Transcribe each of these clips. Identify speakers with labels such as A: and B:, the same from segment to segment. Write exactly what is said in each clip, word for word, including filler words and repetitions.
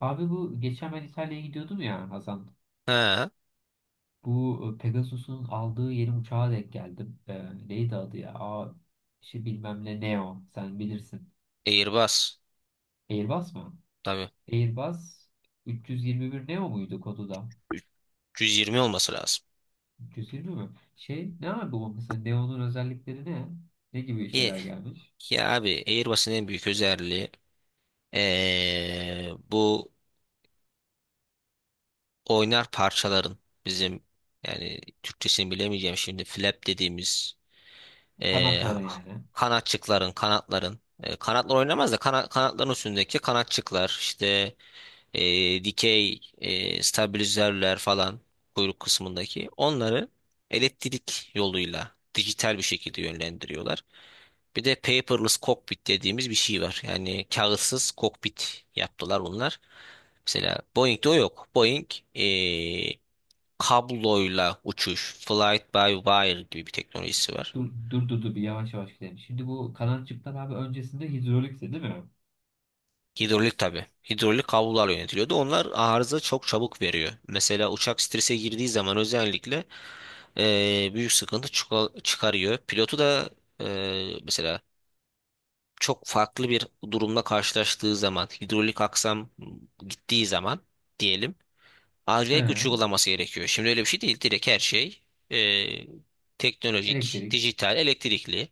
A: Abi bu geçen ben İtalya'ya gidiyordum ya Hasan.
B: Ha,
A: Bu e, Pegasus'un aldığı yeni uçağa denk geldim. E, neydi adı ya? Aa, şey bilmem ne Neo. Sen bilirsin.
B: Airbus.
A: Airbus mu?
B: Tabii.
A: Airbus üç yüz yirmi bir Neo muydu kodu da?
B: üç yüz yirmi olması lazım.
A: üç yüz yirmi mi? Şey ne abi bu mesela Neo'nun özellikleri ne? Ne gibi
B: Ye.
A: şeyler gelmiş?
B: Ya abi Airbus'un en büyük özelliği ee, bu oynar parçaların bizim yani Türkçesini bilemeyeceğim şimdi flap dediğimiz ee,
A: Kanatlara
B: ha-
A: yani.
B: kanatçıkların kanatların ee, kanatlar oynamaz da kana- kanatların üstündeki kanatçıklar işte ee, dikey ee, stabilizörler falan kuyruk kısmındaki onları elektrik yoluyla dijital bir şekilde yönlendiriyorlar. Bir de paperless cockpit dediğimiz bir şey var. Yani kağıtsız kokpit yaptılar bunlar. Mesela Boeing'de o yok. Boeing eee, kabloyla uçuş, flight by wire gibi bir teknolojisi var.
A: Dur dur dur, dur bir yavaş yavaş gidelim. Şimdi bu kanatçıklar abi öncesinde hidrolikti değil mi?
B: Hidrolik tabii. Hidrolik kablolar yönetiliyordu. Onlar arıza çok çabuk veriyor. Mesela uçak strese girdiği zaman özellikle eee, büyük sıkıntı çıka- çıkarıyor. Pilotu da eee, mesela çok farklı bir durumla karşılaştığı zaman, hidrolik aksam gittiği zaman diyelim.
A: He.
B: Acayip güç uygulaması gerekiyor. Şimdi öyle bir şey değil. Direkt her şey e, teknolojik,
A: Elektrik.
B: dijital, elektrikli.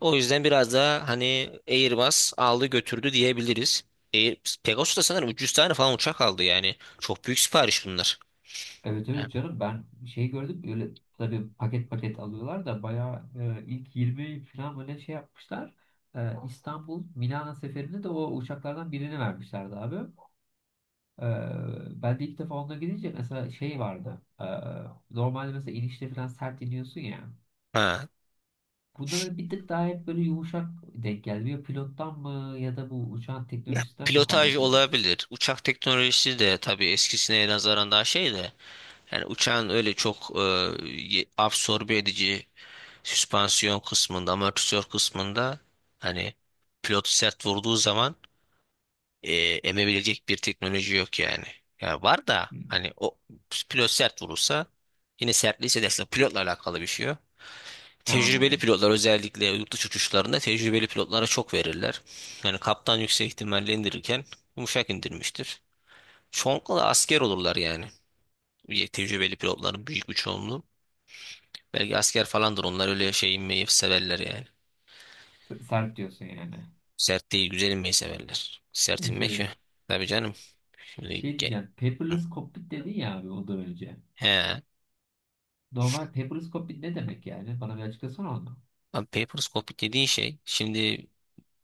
B: O yüzden biraz daha hani Airbus aldı götürdü diyebiliriz. Air, Pegasus da sanırım üç yüz tane falan uçak aldı yani. Çok büyük sipariş bunlar.
A: Evet
B: Yani.
A: evet canım, ben şey gördüm, öyle tabii paket paket alıyorlar da bayağı e, ilk yirmi falan böyle şey yapmışlar. E, İstanbul Milano seferinde de o uçaklardan birini vermişlerdi abi. E, Ben de ilk defa onunla gidince mesela şey vardı. E, normalde mesela inişte falan sert iniyorsun ya.
B: Ha.
A: Bunda böyle bir tık daha hep böyle yumuşak denk geldi. Ya pilottan mı ya da bu uçağın
B: Ya,
A: teknolojisinden mi
B: pilotaj
A: kaynaklıydı?
B: olabilir. Uçak teknolojisi de tabii eskisine nazaran daha şey de. Yani uçağın öyle çok e, ye- absorbe edici süspansiyon kısmında, amortisör kısmında hani pilotu sert vurduğu zaman e, emebilecek bir teknoloji yok yani. Ya var da
A: Hmm,
B: hani o pilot sert vurursa yine sertliği hissedersin. Pilotla alakalı bir şey yok.
A: ne
B: Tecrübeli
A: anladım.
B: pilotlar özellikle yurt dışı uçuşlarında tecrübeli pilotlara çok verirler. Yani kaptan yüksek ihtimalle indirirken yumuşak indirmiştir. Çoğunlukla da asker olurlar yani. Tecrübeli pilotların büyük bir çoğunluğu. Belki asker falandır onlar öyle şey inmeyi severler yani.
A: S- Sert diyorsun yani.
B: Sert değil güzel inmeyi severler. Sert inmek
A: Şey,
B: ya. Tabii canım. Şimdi
A: şey
B: ge-
A: diyeceğim. Paperless cockpit dedin ya abi ondan önce.
B: He.
A: Normal paperless cockpit ne demek yani? Bana bir açıklasana onu.
B: Abi paperscope dediğin şey şimdi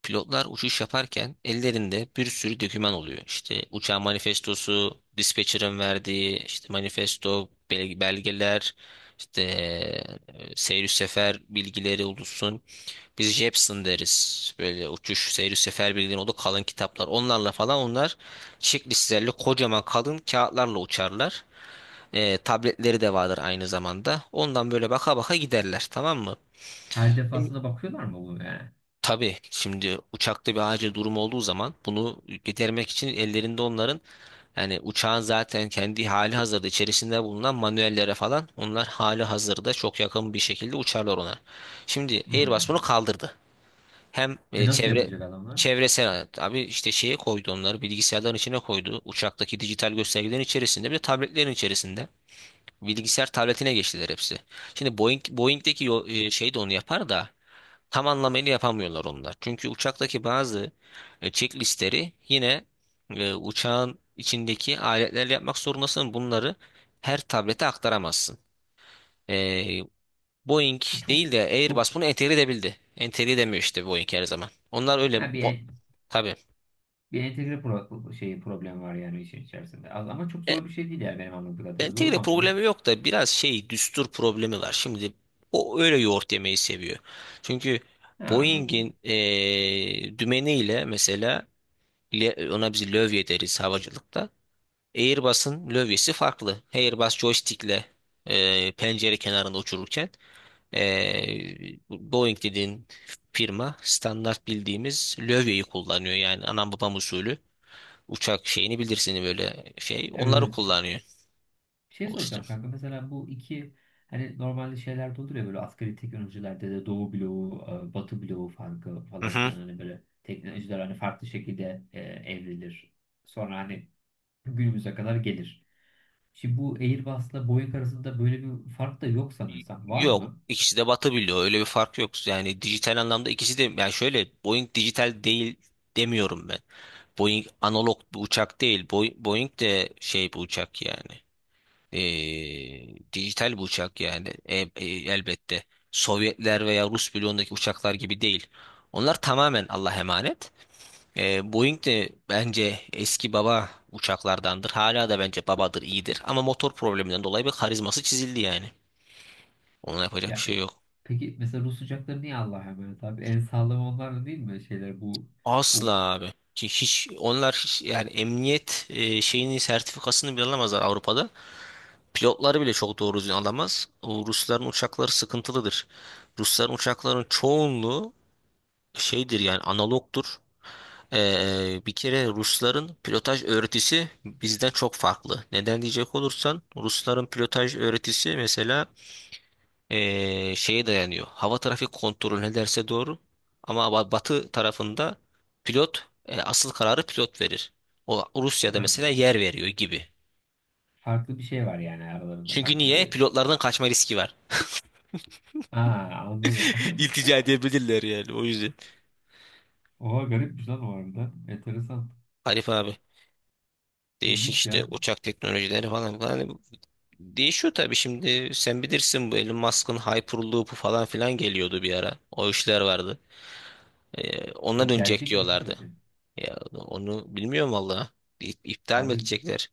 B: pilotlar uçuş yaparken ellerinde bir sürü doküman oluyor. İşte uçağın manifestosu, dispatcher'ın verdiği işte manifesto, bel- belgeler, işte e, seyir sefer bilgileri olursun. Biz Jepson deriz. Böyle uçuş seyir sefer bilgileri o da kalın kitaplar. Onlarla falan onlar checklistlerle kocaman kalın kağıtlarla uçarlar. E, tabletleri de vardır aynı zamanda. Ondan böyle baka baka giderler, tamam mı?
A: Her
B: Şimdi-
A: defasında bakıyorlar mı bunu yani?
B: Tabii şimdi uçakta bir acil durum olduğu zaman bunu gidermek için ellerinde onların yani uçağın zaten kendi hali hazırda içerisinde bulunan manuellere falan onlar hali hazırda çok yakın bir şekilde uçarlar ona. Şimdi Airbus bunu
A: Hmm.
B: kaldırdı. Hem
A: E
B: e,
A: nasıl
B: çevre
A: yapacak adamlar?
B: çevresel abi işte şeye koydu, onları bilgisayarların içine koydu. Uçaktaki dijital göstergelerin içerisinde bir de tabletlerin içerisinde. Bilgisayar tabletine geçtiler hepsi. Şimdi Boeing, Boeing'deki yo- e, şey de onu yapar da tam anlamıyla yapamıyorlar onlar. Çünkü uçaktaki bazı e, checklistleri yine e, uçağın içindeki aletlerle yapmak zorundasın. Bunları her tablete aktaramazsın. E, Boeing
A: E çok
B: değil de
A: çok
B: Airbus bunu entegre edebildi. Entegre edemiyor işte Boeing her zaman. Onlar öyle
A: ha bir
B: bo-
A: en-
B: tabii.
A: bir entegre pro şey problem var yani işin içerisinde. Az- Ama çok zor bir şey değil yani benim anladığım kadarıyla. Doğru
B: Entegre
A: mu anlıyorum?
B: problemi yok da biraz şey düstur problemi var. Şimdi o öyle yoğurt yemeyi seviyor. Çünkü
A: Ha, anladım.
B: Boeing'in eee dümeniyle mesela le- ona biz lövye deriz havacılıkta. Airbus'un lövyesi farklı. Airbus joystick'le eee, pencere kenarında uçururken eee, Boeing dediğin firma standart bildiğimiz lövyeyi kullanıyor. Yani anam babam usulü uçak şeyini bilirsin, böyle şey
A: Evet,
B: onları
A: evet.
B: kullanıyor.
A: Şey
B: O işte.
A: soracağım kanka, mesela bu iki, hani normalde şeylerde olur ya böyle asgari teknolojilerde de Doğu bloğu, e, Batı bloğu farkı falan filan, hani böyle teknolojiler hani farklı şekilde e, evrilir. Sonra hani günümüze kadar gelir. Şimdi bu Airbus'la Boeing arasında böyle bir fark da yok sanırsam. Var
B: Yok,
A: mı?
B: ikisi de batabiliyor, öyle bir fark yok yani dijital anlamda ikisi de. Yani şöyle, Boeing dijital değil demiyorum ben. Boeing analog bir uçak değil. Boeing, Boeing de şey bir uçak yani. Ee, dijital bir uçak yani. E- e, elbette Sovyetler veya Rus bloğundaki uçaklar gibi değil, onlar tamamen Allah'a emanet. Ee, Boeing de bence eski baba uçaklardandır, hala da bence babadır, iyidir ama motor probleminden dolayı bir karizması çizildi yani, ona yapacak bir şey
A: Yani
B: yok.
A: peki mesela Rus uçakları niye Allah'a emanet abi? En sağlam onlar da değil mi şeyler bu o?
B: Asla abi. Ki hiç onlar hiç- yani emniyet e, şeyini, sertifikasını bile alamazlar Avrupa'da. Pilotları bile çok doğru düzgün alamaz. O Rusların uçakları sıkıntılıdır. Rusların uçakların çoğunluğu şeydir yani, analogdur. Ee, bir kere Rusların pilotaj öğretisi bizden çok farklı. Neden diyecek olursan, Rusların pilotaj öğretisi mesela eee, şeye dayanıyor. Hava trafik kontrolü ne derse doğru. Ama ba- batı tarafında pilot, e, asıl kararı pilot verir. O, Rusya'da
A: Ha,
B: mesela yer veriyor gibi.
A: farklı bir şey var yani aralarında,
B: Çünkü
A: farklı
B: niye?
A: bir...
B: Pilotlardan kaçma riski var.
A: Aa, anladım.
B: İltica edebilirler yani, o yüzden.
A: Oha garipmiş lan o arada. Enteresan.
B: Arif abi, değişik
A: İlginç
B: işte
A: ya.
B: uçak teknolojileri falan falan. Hani değişiyor tabii. Şimdi sen bilirsin, bu Elon Musk'ın Hyperloop'u falan filan geliyordu bir ara. O işler vardı. Ee, ona
A: O
B: dönecek
A: gelecek mi
B: diyorlardı.
A: bilmiyoruz yani.
B: Ya onu bilmiyorum valla. İp- İptal mi
A: Abi
B: edecekler?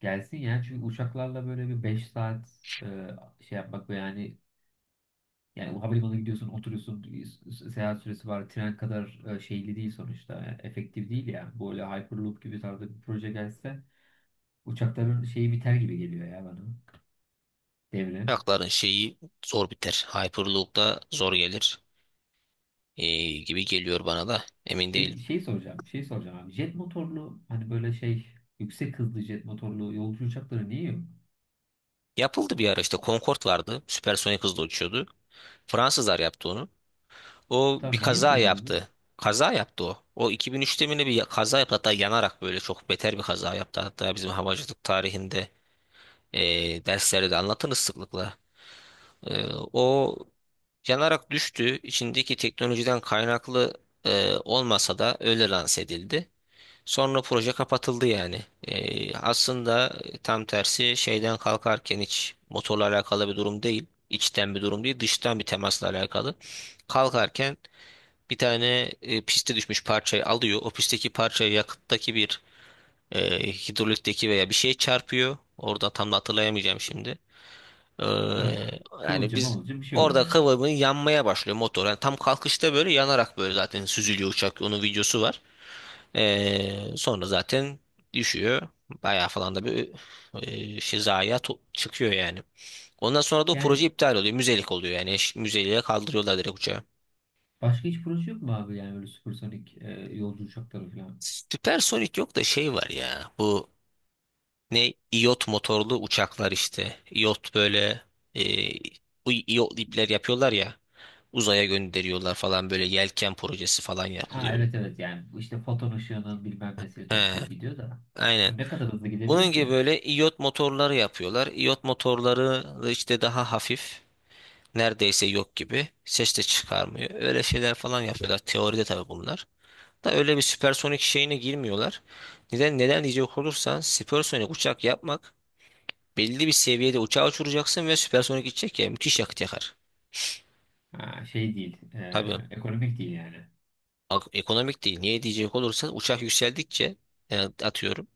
A: gelsin ya, çünkü uçaklarla böyle bir beş saat e, şey yapmak ve yani, yani o havalimanına gidiyorsun, oturuyorsun, s- seyahat süresi var. Tren kadar e, şeyli değil sonuçta. Yani efektif değil ya. Böyle Hyperloop gibi tarzda bir proje gelse uçakların şeyi biter gibi geliyor ya bana. Devre.
B: Uçakların şeyi zor biter. Hyperloop'da zor gelir. Ee, gibi geliyor bana da. Emin değilim.
A: Peki şey soracağım. Şey soracağım abi. Jet motorlu hani böyle şey yüksek hızlı jet motorlu yolcu uçakları niye yok?
B: Yapıldı bir ara, işte Concorde vardı. Süpersonik hızla uçuyordu. Fransızlar yaptı onu. O bir
A: Tamam niye
B: kaza
A: kullanılıyor?
B: yaptı. Kaza yaptı o. O iki bin üçte mi ne bir ya- kaza yaptı. Hatta yanarak, böyle çok beter bir kaza yaptı. Hatta bizim havacılık tarihinde ee, derslerde de anlatırız sıklıkla. Ee, O yanarak düştü. İçindeki teknolojiden kaynaklı e, olmasa da öyle lanse edildi. Sonra proje kapatıldı yani. Ee, aslında tam tersi, şeyden kalkarken hiç motorla alakalı bir durum değil. İçten bir durum değil, dıştan bir temasla alakalı. Kalkarken bir tane e, piste düşmüş parçayı alıyor. O pistteki parçayı, yakıttaki bir e, hidrolikteki veya bir şey çarpıyor. Orada, tam da hatırlayamayacağım şimdi. Ee,
A: Ha,
B: yani
A: kıvılcım
B: biz,
A: mıvılcım bir şey oluyor
B: orada
A: yani.
B: kıvamı yanmaya başlıyor motor. Yani tam kalkışta böyle yanarak böyle zaten süzülüyor uçak. Onun videosu var. Ee, sonra zaten düşüyor. Bayağı falan da bir e, şey zayiat o- çıkıyor yani. Ondan sonra da o
A: Yani
B: proje iptal oluyor. Müzelik oluyor yani. Eş- Müzeliğe kaldırıyorlar direkt uçağı.
A: başka hiç proje yok mu abi, yani böyle süpersonik e, yolcu uçakları falan?
B: Süpersonik yok da şey var ya. Bu ne iyot motorlu uçaklar işte. İyot böyle e, bu iyotlu ipler yapıyorlar ya. Uzaya gönderiyorlar falan, böyle yelken projesi falan
A: Ha,
B: yapılıyor.
A: evet evet, yani bu işte foton ışığının bilmem nesini
B: He,
A: toplayıp gidiyor da.
B: aynen.
A: O ne kadar hızlı
B: Bunun
A: gidebilir
B: gibi,
A: ki?
B: böyle iyot motorları yapıyorlar. İyot motorları da işte daha hafif. Neredeyse yok gibi. Ses de çıkarmıyor. Öyle şeyler falan yapıyorlar. Teoride tabii bunlar. Da öyle bir süpersonik şeyine girmiyorlar. Neden neden diyecek olursan, süpersonik uçak yapmak, belli bir seviyede uçağa uçuracaksın ve süpersonik gidecek ya, müthiş yakıt yakar.
A: Ha, şey değil,
B: Tabii
A: e, ekonomik değil yani.
B: ak- ekonomik değil. Niye diyecek olursan, uçak yükseldikçe e, atıyorum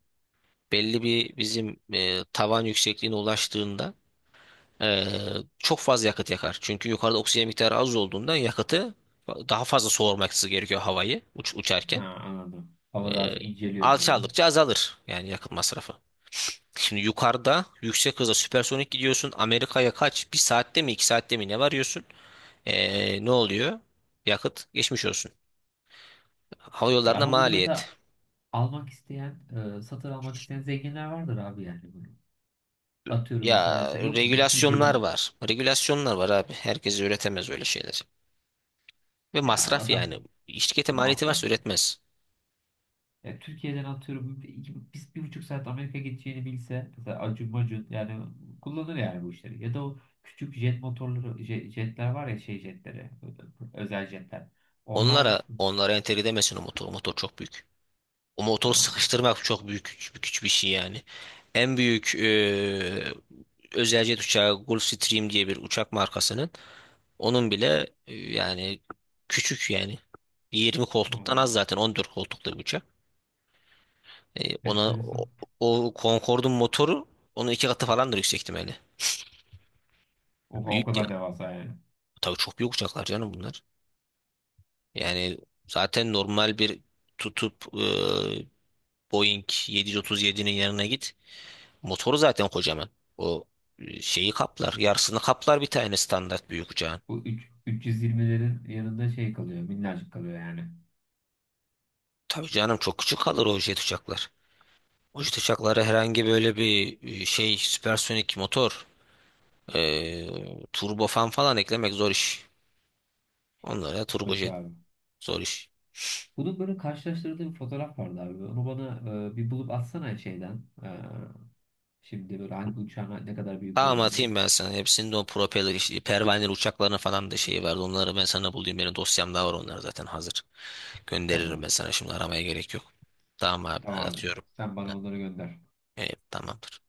B: belli bir bizim e, tavan yüksekliğine ulaştığında e, çok fazla yakıt yakar. Çünkü yukarıda oksijen miktarı az olduğundan yakıtı daha fazla soğurması gerekiyor havayı, uç,
A: Ha,
B: uçarken.
A: anladım.
B: E,
A: Hava daha çok inceliyor tabii.
B: Alçaldıkça azalır yani yakıt masrafı. Şimdi yukarıda yüksek hızla süpersonik gidiyorsun. Amerika'ya kaç? Bir saatte mi, iki saatte mi ne varıyorsun? Ee, ne oluyor? Yakıt geçmiş olsun. Hava
A: Ya
B: yollarına
A: ama bunu mesela
B: maliyet.
A: almak isteyen, e, satın almak isteyen zenginler vardır abi yani bunu. Atıyorum mesela
B: Ya
A: sen- yok mudur
B: regülasyonlar
A: Türkiye'den?
B: var. Regülasyonlar var abi. Herkes üretemez öyle şeyler. Ve
A: Ya
B: masraf
A: adam,
B: yani. Şirkete maliyeti
A: masraf.
B: varsa üretmez.
A: Ya Türkiye'den atıyorum iki- biz bir buçuk saat Amerika gideceğini bilse, mesela Acun Macun yani kullanır yani bu işleri. Ya da o küçük jet motorları, je- jetler var ya, şey jetleri, ö- özel jetler. Onlar
B: Onlara onlara entegre edemezsin o motor. O motor çok büyük. O motoru
A: ha,
B: sıkıştırmak çok büyük güç, güç bir şey yani. En büyük eee özel jet uçağı Gulfstream diye bir uçak markasının, onun bile e, yani küçük yani, yirmi koltuktan az
A: anladım.
B: zaten, on dört koltuklu bir uçak. E, ona
A: Enteresan.
B: o, o Concorde'un motoru, onun iki katı falandır yüksek ihtimalle.
A: Oha, o
B: Büyük ya.
A: kadar devasa yani.
B: Tabii çok büyük uçaklar canım bunlar. Yani zaten normal bir tutup, e, Boeing yedi otuz yedinin yanına git. Motoru zaten kocaman. O e, şeyi kaplar. Yarısını kaplar bir tane standart büyük uçağın.
A: Bu üç- 320'lerin yanında şey kalıyor, minnacık kalıyor yani.
B: Tabii canım, çok küçük kalır o jet uçaklar. O jet uçaklara herhangi böyle bir e, şey süpersonik motor, e, turbofan falan eklemek zor iş. Onlara
A: Zor iş
B: turbojet,
A: abi.
B: zor iş.
A: Bunun böyle karşılaştırdığı bir fotoğraf vardı abi. Onu bana e, bir bulup atsana şeyden. E, şimdi böyle hangi uçağın ne kadar büyük
B: Tamam
A: olduğunu.
B: atayım ben sana. Hepsinin de o propeller işi, pervaneler uçaklarına falan da şeyi vardı. Onları ben sana bulayım. Benim dosyamda var onlar, zaten hazır. Gönderirim
A: Tamam.
B: ben sana. Şimdi aramaya gerek yok. Tamam abi hadi
A: Tamam abi.
B: atıyorum.
A: Sen bana onları gönder.
B: Evet, tamamdır.